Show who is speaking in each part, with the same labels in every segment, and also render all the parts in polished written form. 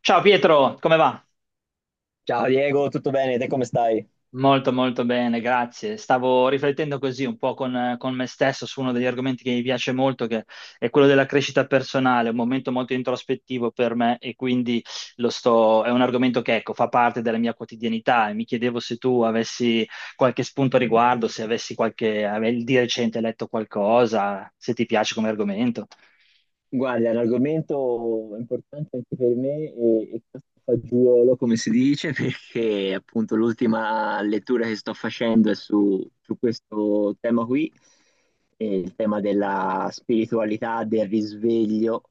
Speaker 1: Ciao Pietro, come va?
Speaker 2: Ciao Diego, tutto bene? Te come stai?
Speaker 1: Molto bene, grazie. Stavo riflettendo così un po' con me stesso su uno degli argomenti che mi piace molto, che è quello della crescita personale, un momento molto introspettivo per me e quindi è un argomento che ecco, fa parte della mia quotidianità e mi chiedevo se tu avessi qualche spunto a riguardo, se avessi qualche, avevi di recente letto qualcosa, se ti piace come argomento.
Speaker 2: Guarda, è un argomento importante anche per me e questo fagiolo, come si dice, perché appunto l'ultima lettura che sto facendo è su questo tema qui, il tema della spiritualità, del risveglio,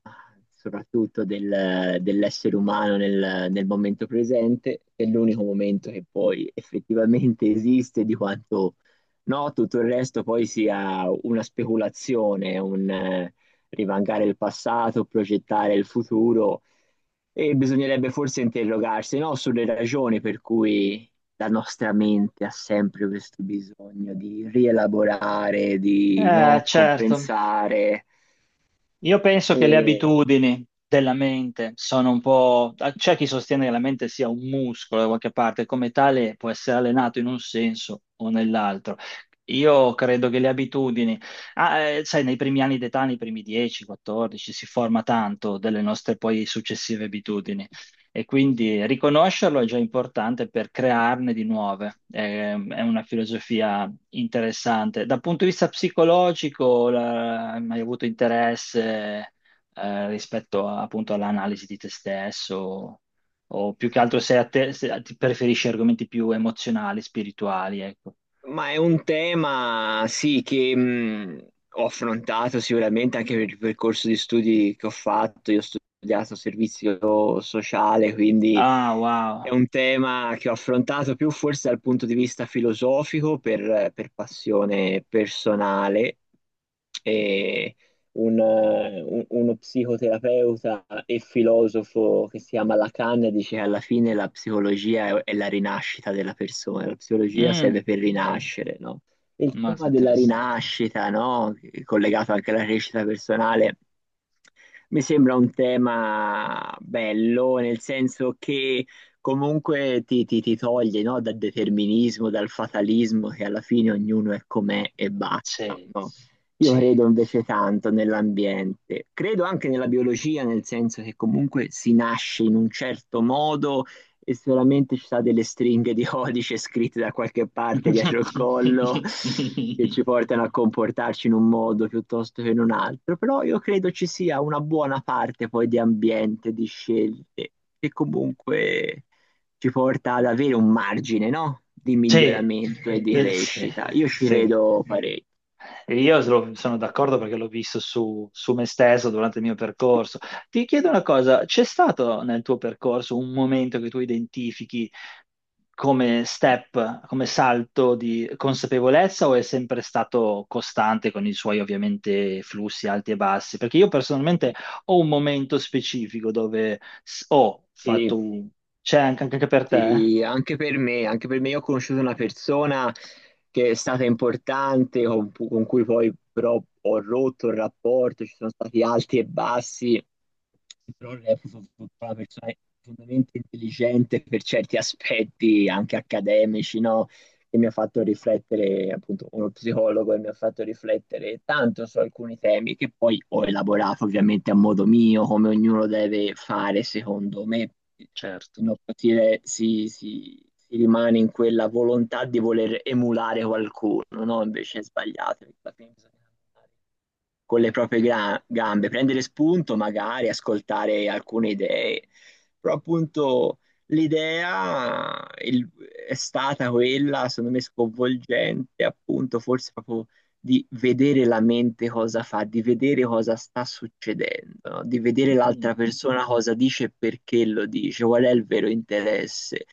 Speaker 2: soprattutto dell'essere umano nel momento presente, che è l'unico momento che poi effettivamente esiste di quanto no, tutto il resto poi sia una speculazione, rivancare il passato, progettare il futuro e bisognerebbe forse interrogarsi, no, sulle ragioni per cui la nostra mente ha sempre questo bisogno di rielaborare, di, no,
Speaker 1: Certo.
Speaker 2: compensare.
Speaker 1: Io penso che le
Speaker 2: E
Speaker 1: abitudini della mente sono un po'... C'è chi sostiene che la mente sia un muscolo da qualche parte, come tale può essere allenato in un senso o nell'altro. Io credo che le abitudini, sai, nei primi anni d'età, nei primi 10, 14, si forma tanto delle nostre poi successive abitudini e quindi riconoscerlo è già importante per crearne di nuove. È una filosofia interessante. Dal punto di vista psicologico, hai mai avuto interesse rispetto appunto all'analisi di te stesso? O più che altro se, a te, se ti preferisci argomenti più emozionali, spirituali, ecco.
Speaker 2: Ma è un tema, sì, che ho affrontato sicuramente anche per il percorso di studi che ho fatto. Io ho studiato servizio sociale, quindi
Speaker 1: Ah,
Speaker 2: è
Speaker 1: wow.
Speaker 2: un tema che ho affrontato più forse dal punto di vista filosofico per passione personale. E uno psicoterapeuta e filosofo che si chiama Lacan dice che alla fine la psicologia è la rinascita della persona, la psicologia
Speaker 1: Mm,
Speaker 2: serve per rinascere, no? Il
Speaker 1: molto
Speaker 2: tema della
Speaker 1: interessante.
Speaker 2: rinascita, no? Collegato anche alla crescita personale. Mi sembra un tema bello, nel senso che comunque ti toglie, no, dal determinismo, dal fatalismo, che alla fine ognuno è com'è e basta,
Speaker 1: Sì,
Speaker 2: no? Io
Speaker 1: sì.
Speaker 2: credo invece tanto nell'ambiente, credo anche nella biologia, nel senso che comunque si nasce in un certo modo e solamente ci sono delle stringhe di codice scritte da qualche parte dietro il collo che ci portano a comportarci in un modo piuttosto che in un altro, però io credo ci sia una buona parte poi di ambiente, di scelte, che comunque ci porta ad avere un margine, no? Di
Speaker 1: Sì,
Speaker 2: miglioramento e di
Speaker 1: sì,
Speaker 2: crescita. Io ci
Speaker 1: sì.
Speaker 2: credo parecchio.
Speaker 1: E io sono d'accordo perché l'ho visto su me stesso durante il mio percorso. Ti chiedo una cosa, c'è stato nel tuo percorso un momento che tu identifichi come step, come salto di consapevolezza o è sempre stato costante con i suoi ovviamente flussi alti e bassi? Perché io personalmente ho un momento specifico dove ho
Speaker 2: Sì.
Speaker 1: fatto un... C'è anche, anche per te?
Speaker 2: Sì, anche per me io ho conosciuto una persona che è stata importante, con cui poi però ho rotto il rapporto, ci sono stati alti e bassi, però reputo una persona profondamente intelligente per certi aspetti anche accademici, no? Che mi ha fatto riflettere, appunto, uno psicologo e mi ha fatto riflettere tanto su alcuni temi che poi ho elaborato ovviamente a modo mio, come ognuno deve fare, secondo me, se
Speaker 1: Certo.
Speaker 2: no si rimane in quella volontà di voler emulare qualcuno, no? Invece è sbagliato, perché alla fine bisogna con le proprie gambe, prendere spunto, magari ascoltare alcune idee. Però appunto l'idea il- è stata quella, secondo me, sconvolgente, appunto, forse proprio di vedere la mente cosa fa, di vedere cosa sta succedendo, no? Di vedere
Speaker 1: Mm,
Speaker 2: l'altra persona cosa dice e perché lo dice, qual è il vero interesse.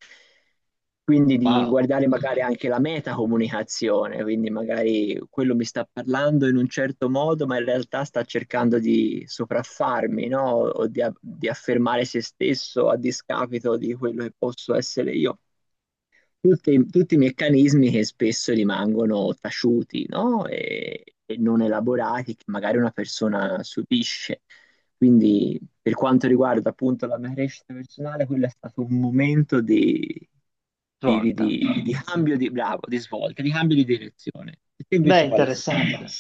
Speaker 2: Quindi di
Speaker 1: wow,
Speaker 2: guardare magari anche la metacomunicazione, quindi magari quello mi sta parlando in un certo modo, ma in realtà sta cercando di sopraffarmi, no? O di, di affermare se stesso a discapito di quello che posso essere io, tutti, tutti i meccanismi che spesso rimangono taciuti, no? E non elaborati, che magari una persona subisce. Quindi, per quanto riguarda appunto la mia crescita personale, quello è stato un momento di,
Speaker 1: volta.
Speaker 2: di cambio di, bravo, di svolta, di cambio di direzione. E te
Speaker 1: Beh,
Speaker 2: invece quale è stato?
Speaker 1: interessante.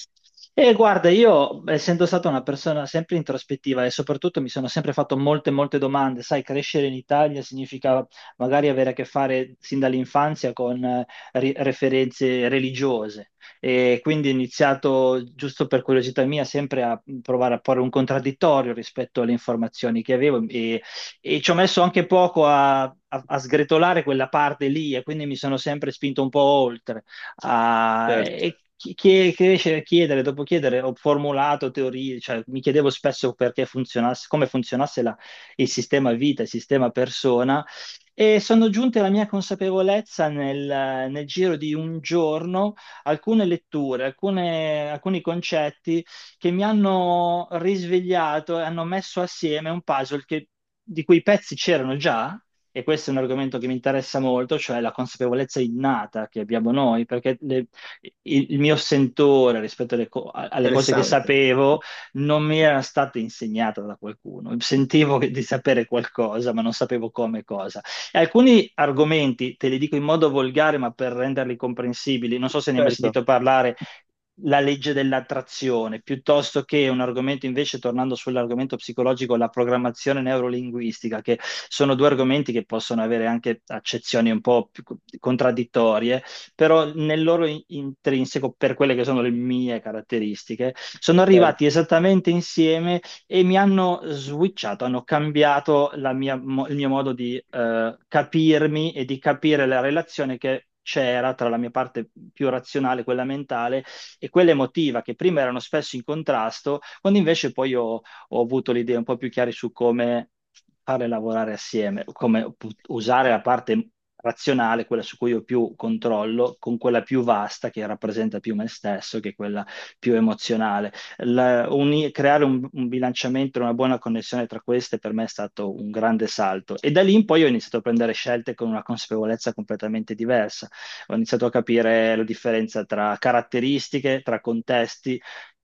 Speaker 1: E guarda, io essendo stata una persona sempre introspettiva e soprattutto mi sono sempre fatto molte domande, sai, crescere in Italia significa magari avere a che fare sin dall'infanzia con referenze religiose e quindi ho iniziato, giusto per curiosità mia, sempre a provare a porre un contraddittorio rispetto alle informazioni che avevo e ci ho messo anche poco a sgretolare quella parte lì e quindi mi sono sempre spinto un po' oltre.
Speaker 2: Certo,
Speaker 1: Crescere, chiedere, dopo chiedere, ho formulato teorie, cioè mi chiedevo spesso perché funzionasse, come funzionasse il sistema vita, il sistema persona, e sono giunte alla mia consapevolezza nel giro di un giorno alcune letture, alcuni concetti che mi hanno risvegliato e hanno messo assieme un puzzle di cui i pezzi c'erano già, e questo è un argomento che mi interessa molto, cioè la consapevolezza innata che abbiamo noi, perché il mio sentore rispetto alle cose che
Speaker 2: interessante.
Speaker 1: sapevo non mi era stata insegnata da qualcuno. Sentivo di sapere qualcosa, ma non sapevo come e cosa. E alcuni argomenti, te li dico in modo volgare, ma per renderli comprensibili, non so se ne hai mai
Speaker 2: Certo,
Speaker 1: sentito parlare, la legge dell'attrazione, piuttosto che un argomento invece, tornando sull'argomento psicologico, la programmazione neurolinguistica, che sono due argomenti che possono avere anche accezioni un po' più contraddittorie, però nel loro intrinseco, per quelle che sono le mie caratteristiche, sono
Speaker 2: certo,
Speaker 1: arrivati esattamente insieme e mi hanno switchato, hanno cambiato la il mio modo di capirmi e di capire la relazione che c'era tra la mia parte più razionale, quella mentale, e quella emotiva che prima erano spesso in contrasto, quando invece poi ho avuto le idee un po' più chiare su come farle lavorare assieme, come usare la parte razionale, quella su cui ho più controllo, con quella più vasta che rappresenta più me stesso, che è quella più emozionale. Creare un bilanciamento, una buona connessione tra queste per me è stato un grande salto e da lì in poi ho iniziato a prendere scelte con una consapevolezza completamente diversa. Ho iniziato a capire la differenza tra caratteristiche, tra contesti,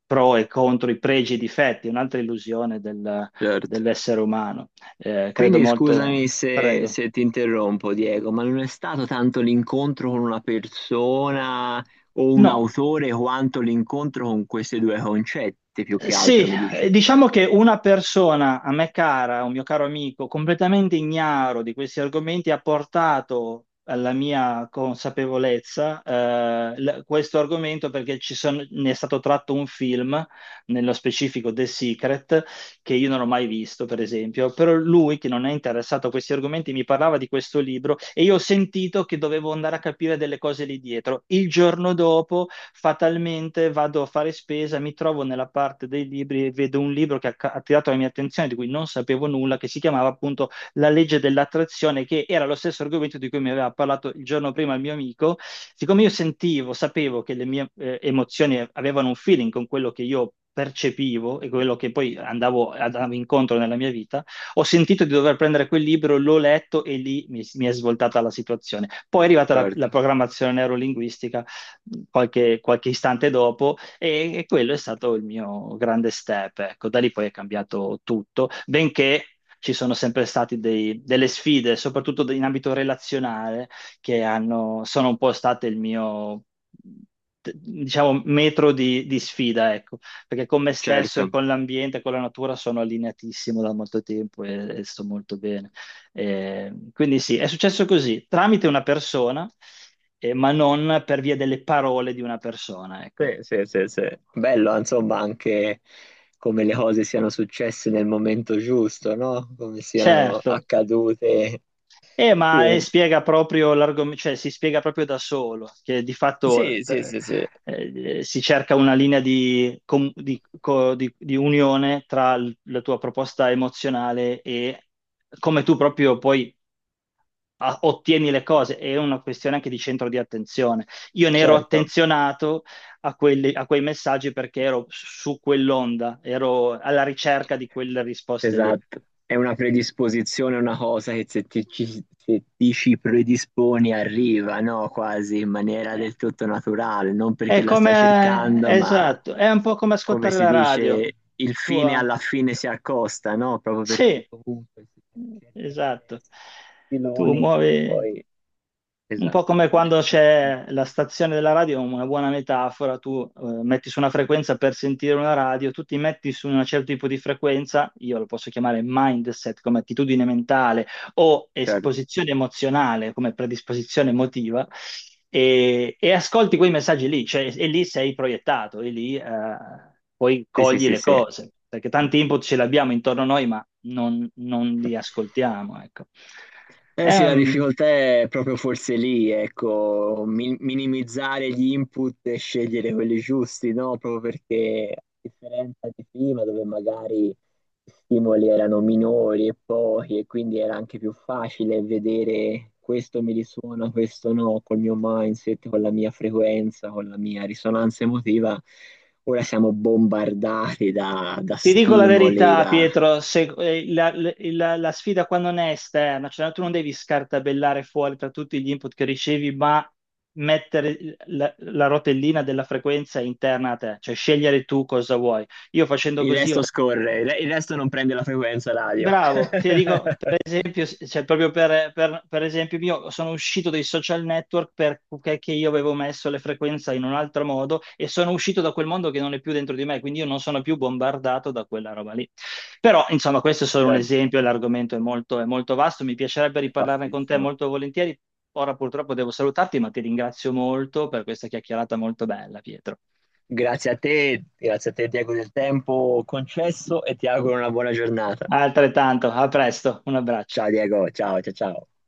Speaker 1: pro e contro, i pregi e i difetti, un'altra illusione
Speaker 2: certo.
Speaker 1: dell'essere umano. Credo
Speaker 2: Quindi
Speaker 1: molto,
Speaker 2: scusami
Speaker 1: prego.
Speaker 2: se ti interrompo, Diego, ma non è stato tanto l'incontro con una persona o un
Speaker 1: No.
Speaker 2: autore quanto l'incontro con questi due concetti, più che altro,
Speaker 1: Sì,
Speaker 2: mi dice.
Speaker 1: diciamo che una persona a me cara, un mio caro amico, completamente ignaro di questi argomenti, ha portato alla mia consapevolezza questo argomento perché ne è stato tratto un film, nello specifico The Secret, che io non ho mai visto, per esempio, però lui, che non è interessato a questi argomenti, mi parlava di questo libro e io ho sentito che dovevo andare a capire delle cose lì dietro. Il giorno dopo fatalmente vado a fare spesa, mi trovo nella parte dei libri e vedo un libro che ha attirato la mia attenzione, di cui non sapevo nulla, che si chiamava appunto La legge dell'attrazione, che era lo stesso argomento di cui mi aveva parlato il giorno prima il mio amico. Siccome io sentivo, sapevo che le mie emozioni avevano un feeling con quello che io percepivo e quello che poi andavo incontro nella mia vita, ho sentito di dover prendere quel libro, l'ho letto e lì mi è svoltata la situazione. Poi è arrivata
Speaker 2: Certo,
Speaker 1: la programmazione neurolinguistica qualche istante dopo e quello è stato il mio grande step. Ecco, da lì poi è cambiato tutto, benché ci sono sempre state delle sfide, soprattutto in ambito relazionale, sono un po' state il mio, diciamo, metro di sfida, ecco, perché con me stesso e
Speaker 2: certo.
Speaker 1: con l'ambiente, con la natura sono allineatissimo da molto tempo e sto molto bene. E quindi sì, è successo così, tramite una persona ma non per via delle parole di una persona, ecco.
Speaker 2: Sì, sì, sì, sì. Bello, insomma, anche come le cose siano successe nel momento giusto, no? Come siano
Speaker 1: Certo.
Speaker 2: accadute. Sì,
Speaker 1: Spiega proprio l'argomento, cioè si spiega proprio da solo, che di fatto
Speaker 2: sì, sì, sì, sì.
Speaker 1: si cerca una linea di, di unione tra la tua proposta emozionale e come tu proprio poi ottieni le cose, è una questione anche di centro di attenzione. Io ne ero
Speaker 2: Certo.
Speaker 1: attenzionato a, a quei messaggi perché ero su quell'onda, ero alla ricerca di quelle risposte lì.
Speaker 2: Esatto, è una predisposizione, una cosa che se ti ci predisponi arriva, no? Quasi in maniera
Speaker 1: Eh,
Speaker 2: del tutto naturale, non
Speaker 1: È
Speaker 2: perché la stai
Speaker 1: come,
Speaker 2: cercando, ma
Speaker 1: esatto, è un po' come
Speaker 2: come
Speaker 1: ascoltare
Speaker 2: si
Speaker 1: la radio.
Speaker 2: dice, il
Speaker 1: Tu,
Speaker 2: fine alla fine si accosta, no? Proprio perché
Speaker 1: sì,
Speaker 2: comunque si cerca
Speaker 1: esatto.
Speaker 2: interessi,
Speaker 1: Tu
Speaker 2: filoni,
Speaker 1: muovi.
Speaker 2: poi...
Speaker 1: Un
Speaker 2: Esatto.
Speaker 1: po' come
Speaker 2: Vai,
Speaker 1: quando
Speaker 2: vai, vai.
Speaker 1: c'è la stazione della radio, una buona metafora, tu metti su una frequenza per sentire una radio, tu ti metti su un certo tipo di frequenza, io lo posso chiamare mindset come attitudine mentale o
Speaker 2: Certo,
Speaker 1: esposizione emozionale come predisposizione emotiva, e ascolti quei messaggi lì, cioè, e lì sei proiettato, e lì poi
Speaker 2: sì, sì,
Speaker 1: cogli
Speaker 2: sì,
Speaker 1: le
Speaker 2: sì.
Speaker 1: cose, perché tanti input ce li abbiamo intorno a noi, ma non li ascoltiamo, ecco.
Speaker 2: Eh sì, la
Speaker 1: Ehm,
Speaker 2: difficoltà è proprio forse lì, ecco, minimizzare gli input e scegliere quelli giusti, no? Proprio perché a differenza di prima, dove magari gli stimoli erano minori e pochi, e quindi era anche più facile vedere questo mi risuona, questo no, col mio mindset, con la mia frequenza, con la mia risonanza emotiva. Ora siamo bombardati da
Speaker 1: Ti dico la
Speaker 2: stimoli,
Speaker 1: verità, Pietro, la sfida qua non è esterna, cioè no, tu non devi scartabellare fuori tra tutti gli input che ricevi, ma mettere la rotellina della frequenza interna a te, cioè scegliere tu cosa vuoi. Io facendo
Speaker 2: il
Speaker 1: così ho...
Speaker 2: resto scorre, il resto non prende la frequenza radio.
Speaker 1: Bravo, ti dico per esempio, cioè, proprio per esempio mio, sono uscito dai social network perché che io avevo messo le frequenze in un altro modo e sono uscito da quel mondo che non è più dentro di me, quindi io non sono più bombardato da quella roba lì. Però, insomma, questo è solo un
Speaker 2: Certo,
Speaker 1: esempio, l'argomento è molto vasto, mi piacerebbe riparlarne con te
Speaker 2: bassissimo.
Speaker 1: molto volentieri. Ora purtroppo devo salutarti, ma ti ringrazio molto per questa chiacchierata molto bella, Pietro.
Speaker 2: Grazie a te Diego del tempo concesso e ti auguro una buona giornata.
Speaker 1: Altrettanto, a presto, un abbraccio.
Speaker 2: Ciao Diego, ciao ciao ciao.